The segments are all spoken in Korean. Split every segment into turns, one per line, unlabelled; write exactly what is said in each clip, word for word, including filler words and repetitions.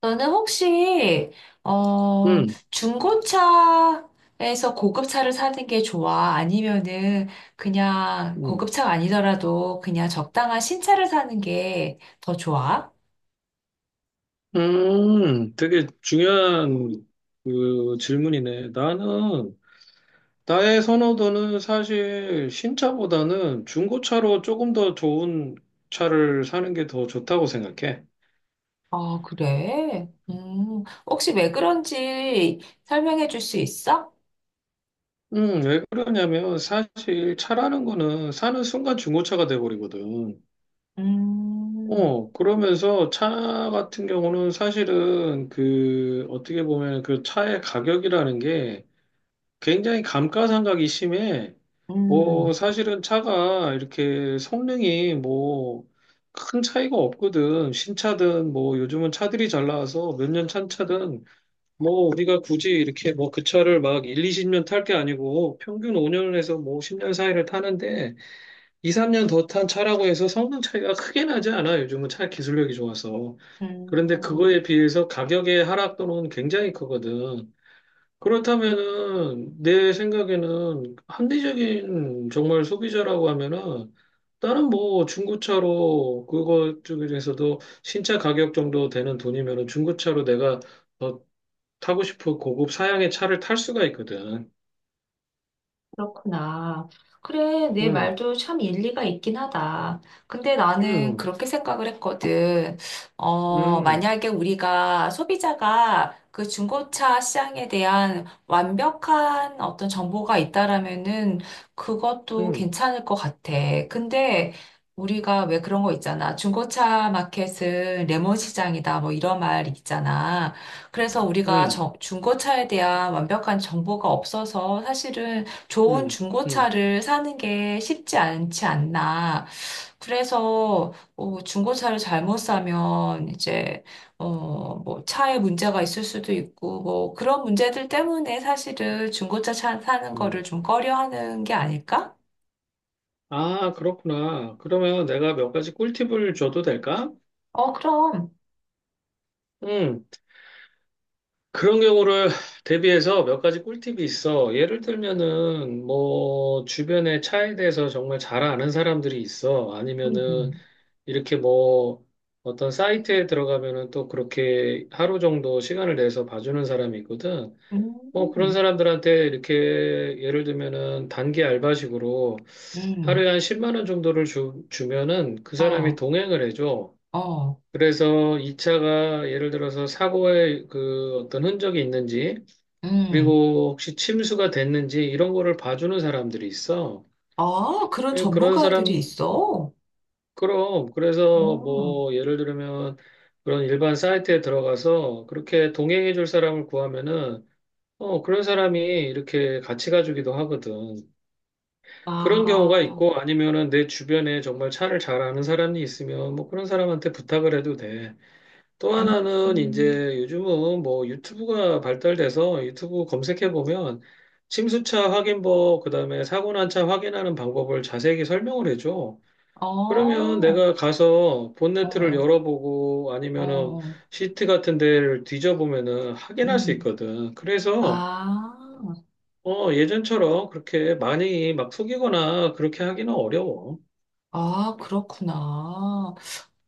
너는 혹시 어
음,
중고차에서 고급차를 사는 게 좋아? 아니면은 그냥
음,
고급차가 아니더라도 그냥 적당한 신차를 사는 게 더 좋아?
음, 되게 중요한 그 질문이네. 나는, 나의 선호도는 사실 신차보다는 중고차로 조금 더 좋은 차를 사는 게 더 좋다고 생각해.
아, 그래? 음, 혹시 왜 그런지 설명해 줄 수 있어?
음, 왜 그러냐면 사실 차라는 거는 사는 순간 중고차가 돼버리거든.
음.
어, 그러면서 차 같은 경우는 사실은 그 어떻게 보면 그 차의 가격이라는 게 굉장히 감가상각이 심해. 뭐,
음.
사실은 차가 이렇게 성능이 뭐, 큰 차이가 없거든. 신차든 뭐, 요즘은 차들이 잘 나와서 몇 년 찬 차든 뭐, 우리가 굳이 이렇게 뭐, 그 차를 막 일, 이십 년 탈 게 아니고 평균 오 년에서 뭐, 십 년 사이를 타는데 이, 삼 년 더 탄 차라고 해서 성능 차이가 크게 나지 않아. 요즘은 차 기술력이 좋아서. 그런데
음.
그거에 비해서 가격의 하락 또는 굉장히 크거든. 그렇다면은 내 생각에는 합리적인 정말 소비자라고 하면은 다른 뭐 중고차로 그거 쪽에서도 신차 가격 정도 되는 돈이면은 중고차로 내가 더 타고 싶은 고급 사양의 차를 탈 수가 있거든.
그렇구나. 그래, 내
음,
말도 참 일리가 있긴 하다. 근데 나는
음,
그렇게 생각을 했거든. 어,
음,
만약에 우리가 소비자가 그 중고차 시장에 대한 완벽한 어떤 정보가 있다라면은 그것도
음,
괜찮을 것 같아. 근데 우리가 왜 그런 거 있잖아. 중고차 마켓은 레몬 시장이다. 뭐 이런 말 있잖아. 그래서 우리가
음,
저- 중고차에 대한 완벽한 정보가 없어서 사실은 좋은
음, 음,
중고차를 사는 게 쉽지 않지 않나. 그래서 어, 중고차를 잘못 사면 이제 어, 뭐 차에 문제가 있을 수도 있고 뭐 그런 문제들 때문에 사실은 중고차 차- 사는 거를
음.
좀 꺼려하는 게 아닐까?
아, 그렇구나. 그러면 내가 몇 가지 꿀팁을 줘도 될까?
어, 그럼.
응, 그런 경우를 대비해서 몇 가지 꿀팁이 있어. 예를 들면은 뭐 주변에 차에 대해서 정말 잘 아는 사람들이 있어. 아니면은
음.
이렇게 뭐 어떤 사이트에 들어가면은 또 그렇게 하루 정도 시간을 내서 봐주는 사람이 있거든. 뭐 그런
음.
사람들한테 이렇게 예를 들면은 단기 알바식으로
음.
하루에 한 십만 원 정도를 주, 주면은 그 사람이
어.
동행을 해줘.
어.
그래서 이 차가 예를 들어서 사고의 그 어떤 흔적이 있는지
음.
그리고 혹시 침수가 됐는지 이런 거를 봐주는 사람들이 있어.
아, 그런
그- 그런
전문가들이
사람,
있어?
그럼. 그래서
음.
뭐 예를 들면 그런 일반 사이트에 들어가서 그렇게 동행해 줄 사람을 구하면은 어, 그런 사람이 이렇게 같이 가주기도 하거든. 그런 경우가
아.
있고 아니면은 내 주변에 정말 차를 잘 아는 사람이 있으면 뭐 그런 사람한테 부탁을 해도 돼. 또
음.
하나는
음.
이제 요즘은 뭐 유튜브가 발달돼서 유튜브 검색해 보면 침수차 확인법, 그다음에 사고 난 차 확인하는 방법을 자세히 설명을 해줘. 그러면
어.
내가 가서
어.
본네트를
어.
열어보고
어.
아니면은
어.
시트 같은 데를 뒤져보면은 확인할 수
음.
있거든. 그래서
아,
어 예전처럼 그렇게 많이 막 속이거나 그렇게 하기는 어려워.
아, 그렇구나.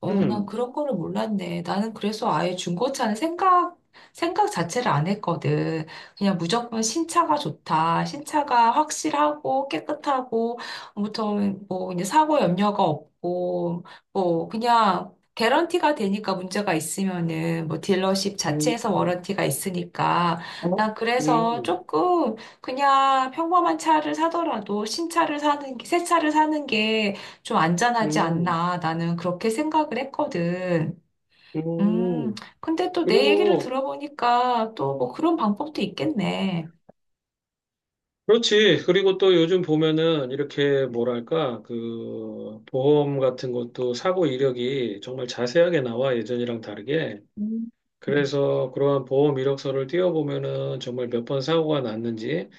어, 난
음.
그런 거를 몰랐네. 나는 그래서 아예 중고차는 생각, 생각 자체를 안 했거든. 그냥 무조건 신차가 좋다. 신차가 확실하고 깨끗하고, 아무튼 뭐 이제 사고 염려가 없고, 뭐 그냥 개런티가 되니까 문제가 있으면은 뭐 딜러십
음.
자체에서
음.
워런티가 있으니까. 난 그래서
음.
조금 그냥 평범한 차를 사더라도 신차를 사는 게, 새 차를 사는 게 좀 안전하지
음.
않나. 나는 그렇게 생각을 했거든. 음,
음.
근데 또 내 얘기를
그리고
들어보니까 또 뭐 그런 방법도 있겠네.
그렇지. 그리고 또 요즘 보면은 이렇게 뭐랄까, 그, 보험 같은 것도 사고 이력이 정말 자세하게 나와, 예전이랑 다르게.
음.
그래서 그러한 보험 이력서를 띄워보면은 정말 몇 번 사고가 났는지,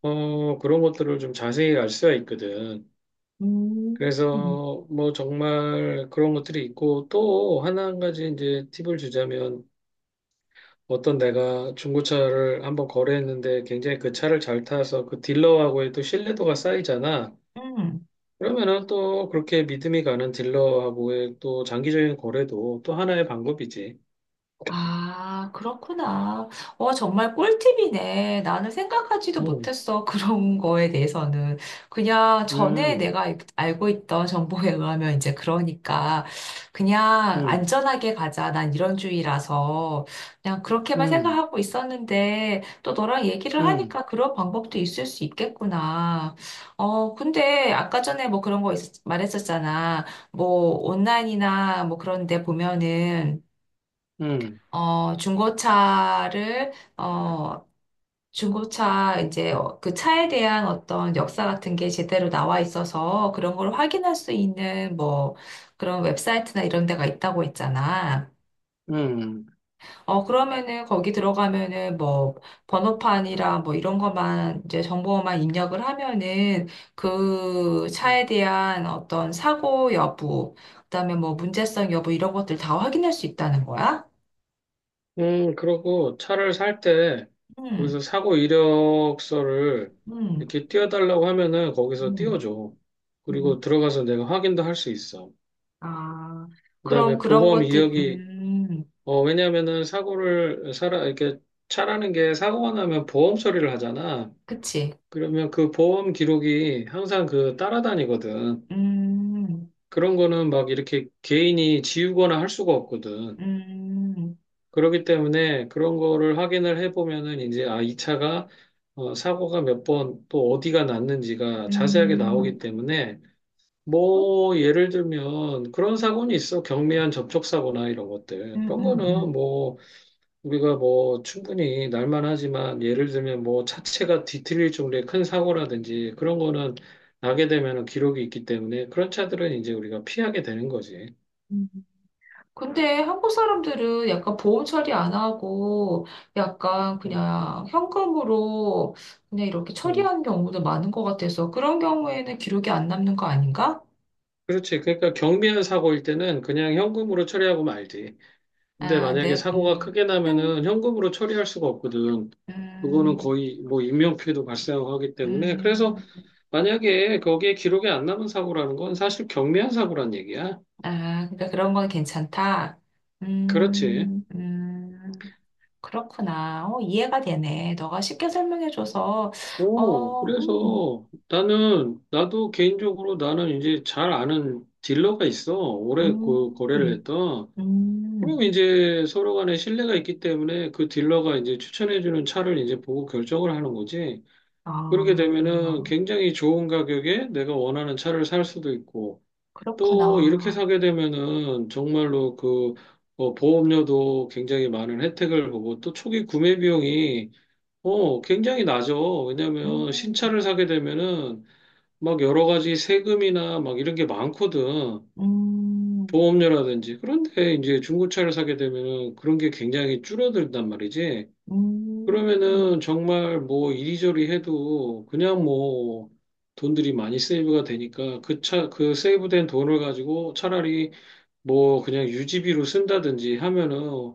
어, 그런 것들을 좀 자세히 알 수가 있거든.
음.
그래서 뭐 정말 그런 것들이 있고 또 하나 한 가지 이제 팁을 주자면 어떤 내가 중고차를 한번 거래했는데 굉장히 그 차를 잘 타서 그 딜러하고의 또 신뢰도가 쌓이잖아.
음.
그러면은 또 그렇게 믿음이 가는 딜러하고의 또 장기적인 거래도 또 하나의 방법이지.
아, 그렇구나. 어, 정말 꿀팁이네. 나는 생각하지도
음,
못했어. 그런 거에 대해서는. 그냥 전에
음,
내가 알- 고 있던 정보에 의하면 이제 그러니까 그냥
음,
안전하게 가자. 난 이런 주의라서 그냥 그렇게만
음,
생각하고 있었는데 또 너랑 얘기를
음,
하니까 그런 방법도 있을 수 있겠구나. 어, 근데 아까 전에 뭐 그런 거 있- 말했었잖아. 뭐 온라인이나 뭐 그런 데 보면은
음,
어, 중고차를, 어, 중고차 이제 어, 그 차에 대한 어떤 역사 같은 게 제대로 나와 있어서 그런 걸 확인할 수 있는 뭐 그런 웹사이트나 이런 데가 있다고 했잖아.
음.
어, 그러면은 거기 들어가면은 뭐 번호판이랑 뭐 이런 것만 이제 정보만 입력을 하면은 그 차에 대한 어떤 사고 여부, 그다음에 뭐 문제성 여부 이런 것들 다 확인할 수 있다는 거야?
음, 그러고 차를 살 때
음.
거기서 사고 이력서를
음.
이렇게 띄워달라고 하면은 거기서
음.
띄워줘. 그리고
음.
들어가서 내가 확인도 할 수 있어.
아, 그럼
그다음에
그런
보험
것들.
이력이
음.
어 왜냐면은 사고를 살아 이렇게 차라는 게 사고가 나면 보험 처리를 하잖아.
그치.
그러면 그 보험 기록이 항상 그 따라다니거든.
음.
그런 거는 막 이렇게 개인이 지우거나 할 수가 없거든.
음.
그렇기 때문에 그런 거를 확인을 해보면은 이제 아, 이 차가 어, 사고가 몇 번 또 어디가 났는지가 자세하게
음.
나오기
음.
때문에 뭐 예를 들면 그런 사고는 있어. 경미한 접촉사고나 이런 것들.
음.
그런
음.
거는 뭐 우리가 뭐 충분히 날만 하지만 예를 들면 뭐 차체가 뒤틀릴 정도의 큰 사고라든지 그런 거는 나게 되면은 기록이 있기 때문에 그런 차들은 이제 우리가 피하게 되는 거지.
음. 근데 한국 사람들은 약간 보험 처리 안 하고 약간
음,
그냥 현금으로 그냥 이렇게
음.
처리하는 경우도 많은 것 같아서 그런 경우에는 기록이 안 남는 거 아닌가?
그렇지. 그러니까 경미한 사고일 때는 그냥 현금으로 처리하고 말지. 근데
아,
만약에
네.
사고가
음.
크게
음.
나면은 현금으로 처리할 수가 없거든. 그거는
음.
거의 뭐 인명피해도 발생하고 하기 때문에 그래서
음.
만약에 거기에 기록이 안 남은 사고라는 건 사실 경미한 사고란 얘기야.
아, 그러니까 그런 건 괜찮다.
그렇지.
음. 음. 그렇구나. 어, 이해가 되네. 너가 쉽게 설명해줘서,
오,
어. 음.
그래서 나는, 나도 개인적으로 나는 이제 잘 아는 딜러가 있어. 오래 그
음.
거래를 했던. 그럼
음.
이제 서로 간에 신뢰가 있기 때문에 그 딜러가 이제 추천해주는 차를 이제 보고 결정을 하는 거지. 그렇게 되면은
아,
굉장히 좋은 가격에 내가 원하는 차를 살 수도 있고, 또 이렇게
그렇구나.
사게 되면은 정말로 그, 어, 보험료도 굉장히 많은 혜택을 보고, 또 초기 구매 비용이 어, 굉장히 낮죠. 왜냐면
음.
신차를 사게 되면은 막 여러 가지 세금이나 막 이런 게 많거든.
음.
보험료라든지. 그런데 이제 중고차를 사게 되면은 그런 게 굉장히 줄어들단 말이지.
음.
그러면은 정말 뭐 이리저리 해도 그냥 뭐 돈들이 많이 세이브가 되니까 그 차, 그 세이브된 돈을 가지고 차라리 뭐 그냥 유지비로 쓴다든지 하면은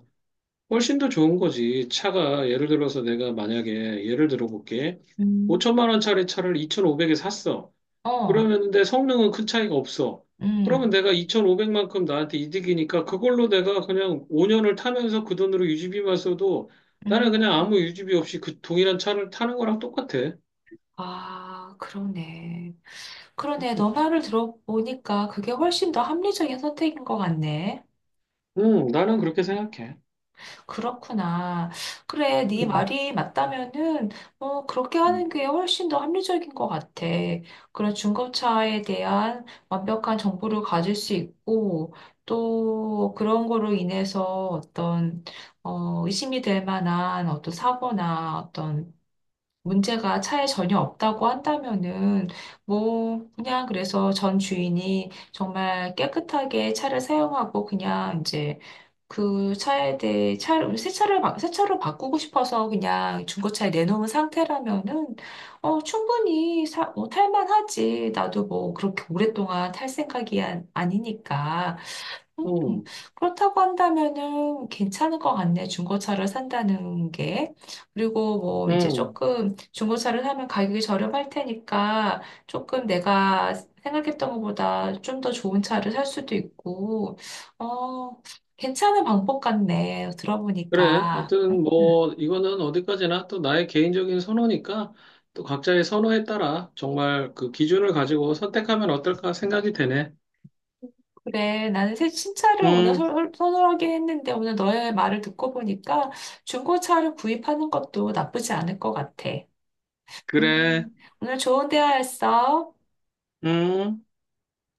훨씬 더 좋은 거지. 차가 예를 들어서 내가 만약에 예를 들어 볼게.
음.
오천만 원짜리 차를 이천오백에 샀어. 그러
어.
면 내 성능은 큰 차이가 없어. 그러면
음.
내가 이천오백만큼 나한테 이득이니까 그걸로 내가 그냥 오 년을 타면서 그 돈으로 유지비만 써도 나는 그냥 아무
음.
유지비 없이 그 동일한 차를 타는 거랑 똑같아.
아, 그러네. 그러네.
음,
너 말을 들어보니까 그게 훨씬 더 합리적인 선택인 것 같네.
음, 나는 그렇게 생각해.
그렇구나. 그래, 네
음,
말이 맞다면은 어, 그렇게 하는 게 훨씬 더 합리적인 것 같아. 그런 중고차에 대한 완벽한 정보를 가질 수 있고 또 그런 거로 인해서 어떤 어, 의심이 될 만한 어떤 사고나 어떤 문제가 차에 전혀 없다고 한다면은 뭐 그냥 그래서 전 주인이 정말 깨끗하게 차를 사용하고 그냥 이제 그 차에 대해 차를 새 차를 바- 새 차로 바꾸고 싶어서 그냥 중고차에 내놓은 상태라면은 어 충분히 사, 어, 탈만하지. 나도 뭐 그렇게 오랫동안 탈 생각이 안, 아니니까. 음,
음,
그렇다고 한다면은 괜찮을 것 같네. 중고차를 산다는 게. 그리고 뭐 이제
음.
조금 중고차를 사면 가격이 저렴할 테니까 조금 내가 생각했던 것보다 좀 더 좋은 차를 살 수도 있고, 어, 괜찮은 방법 같네.
그래.
들어보니까.
하여튼
음,
뭐 이거는 어디까지나 또 나의 개인적인 선호니까 또 각자의 선호에 따라 정말 그 기준을 가지고 선택하면 어떨까 생각이 되네.
그래. 나는 새 신차를 오늘
음,
설- 선호하긴 했는데 오늘 너의 말을 듣고 보니까 중고차를 구입하는 것도 나쁘지 않을 것 같아.
그래.
음, 오늘 좋은 대화였어.
음.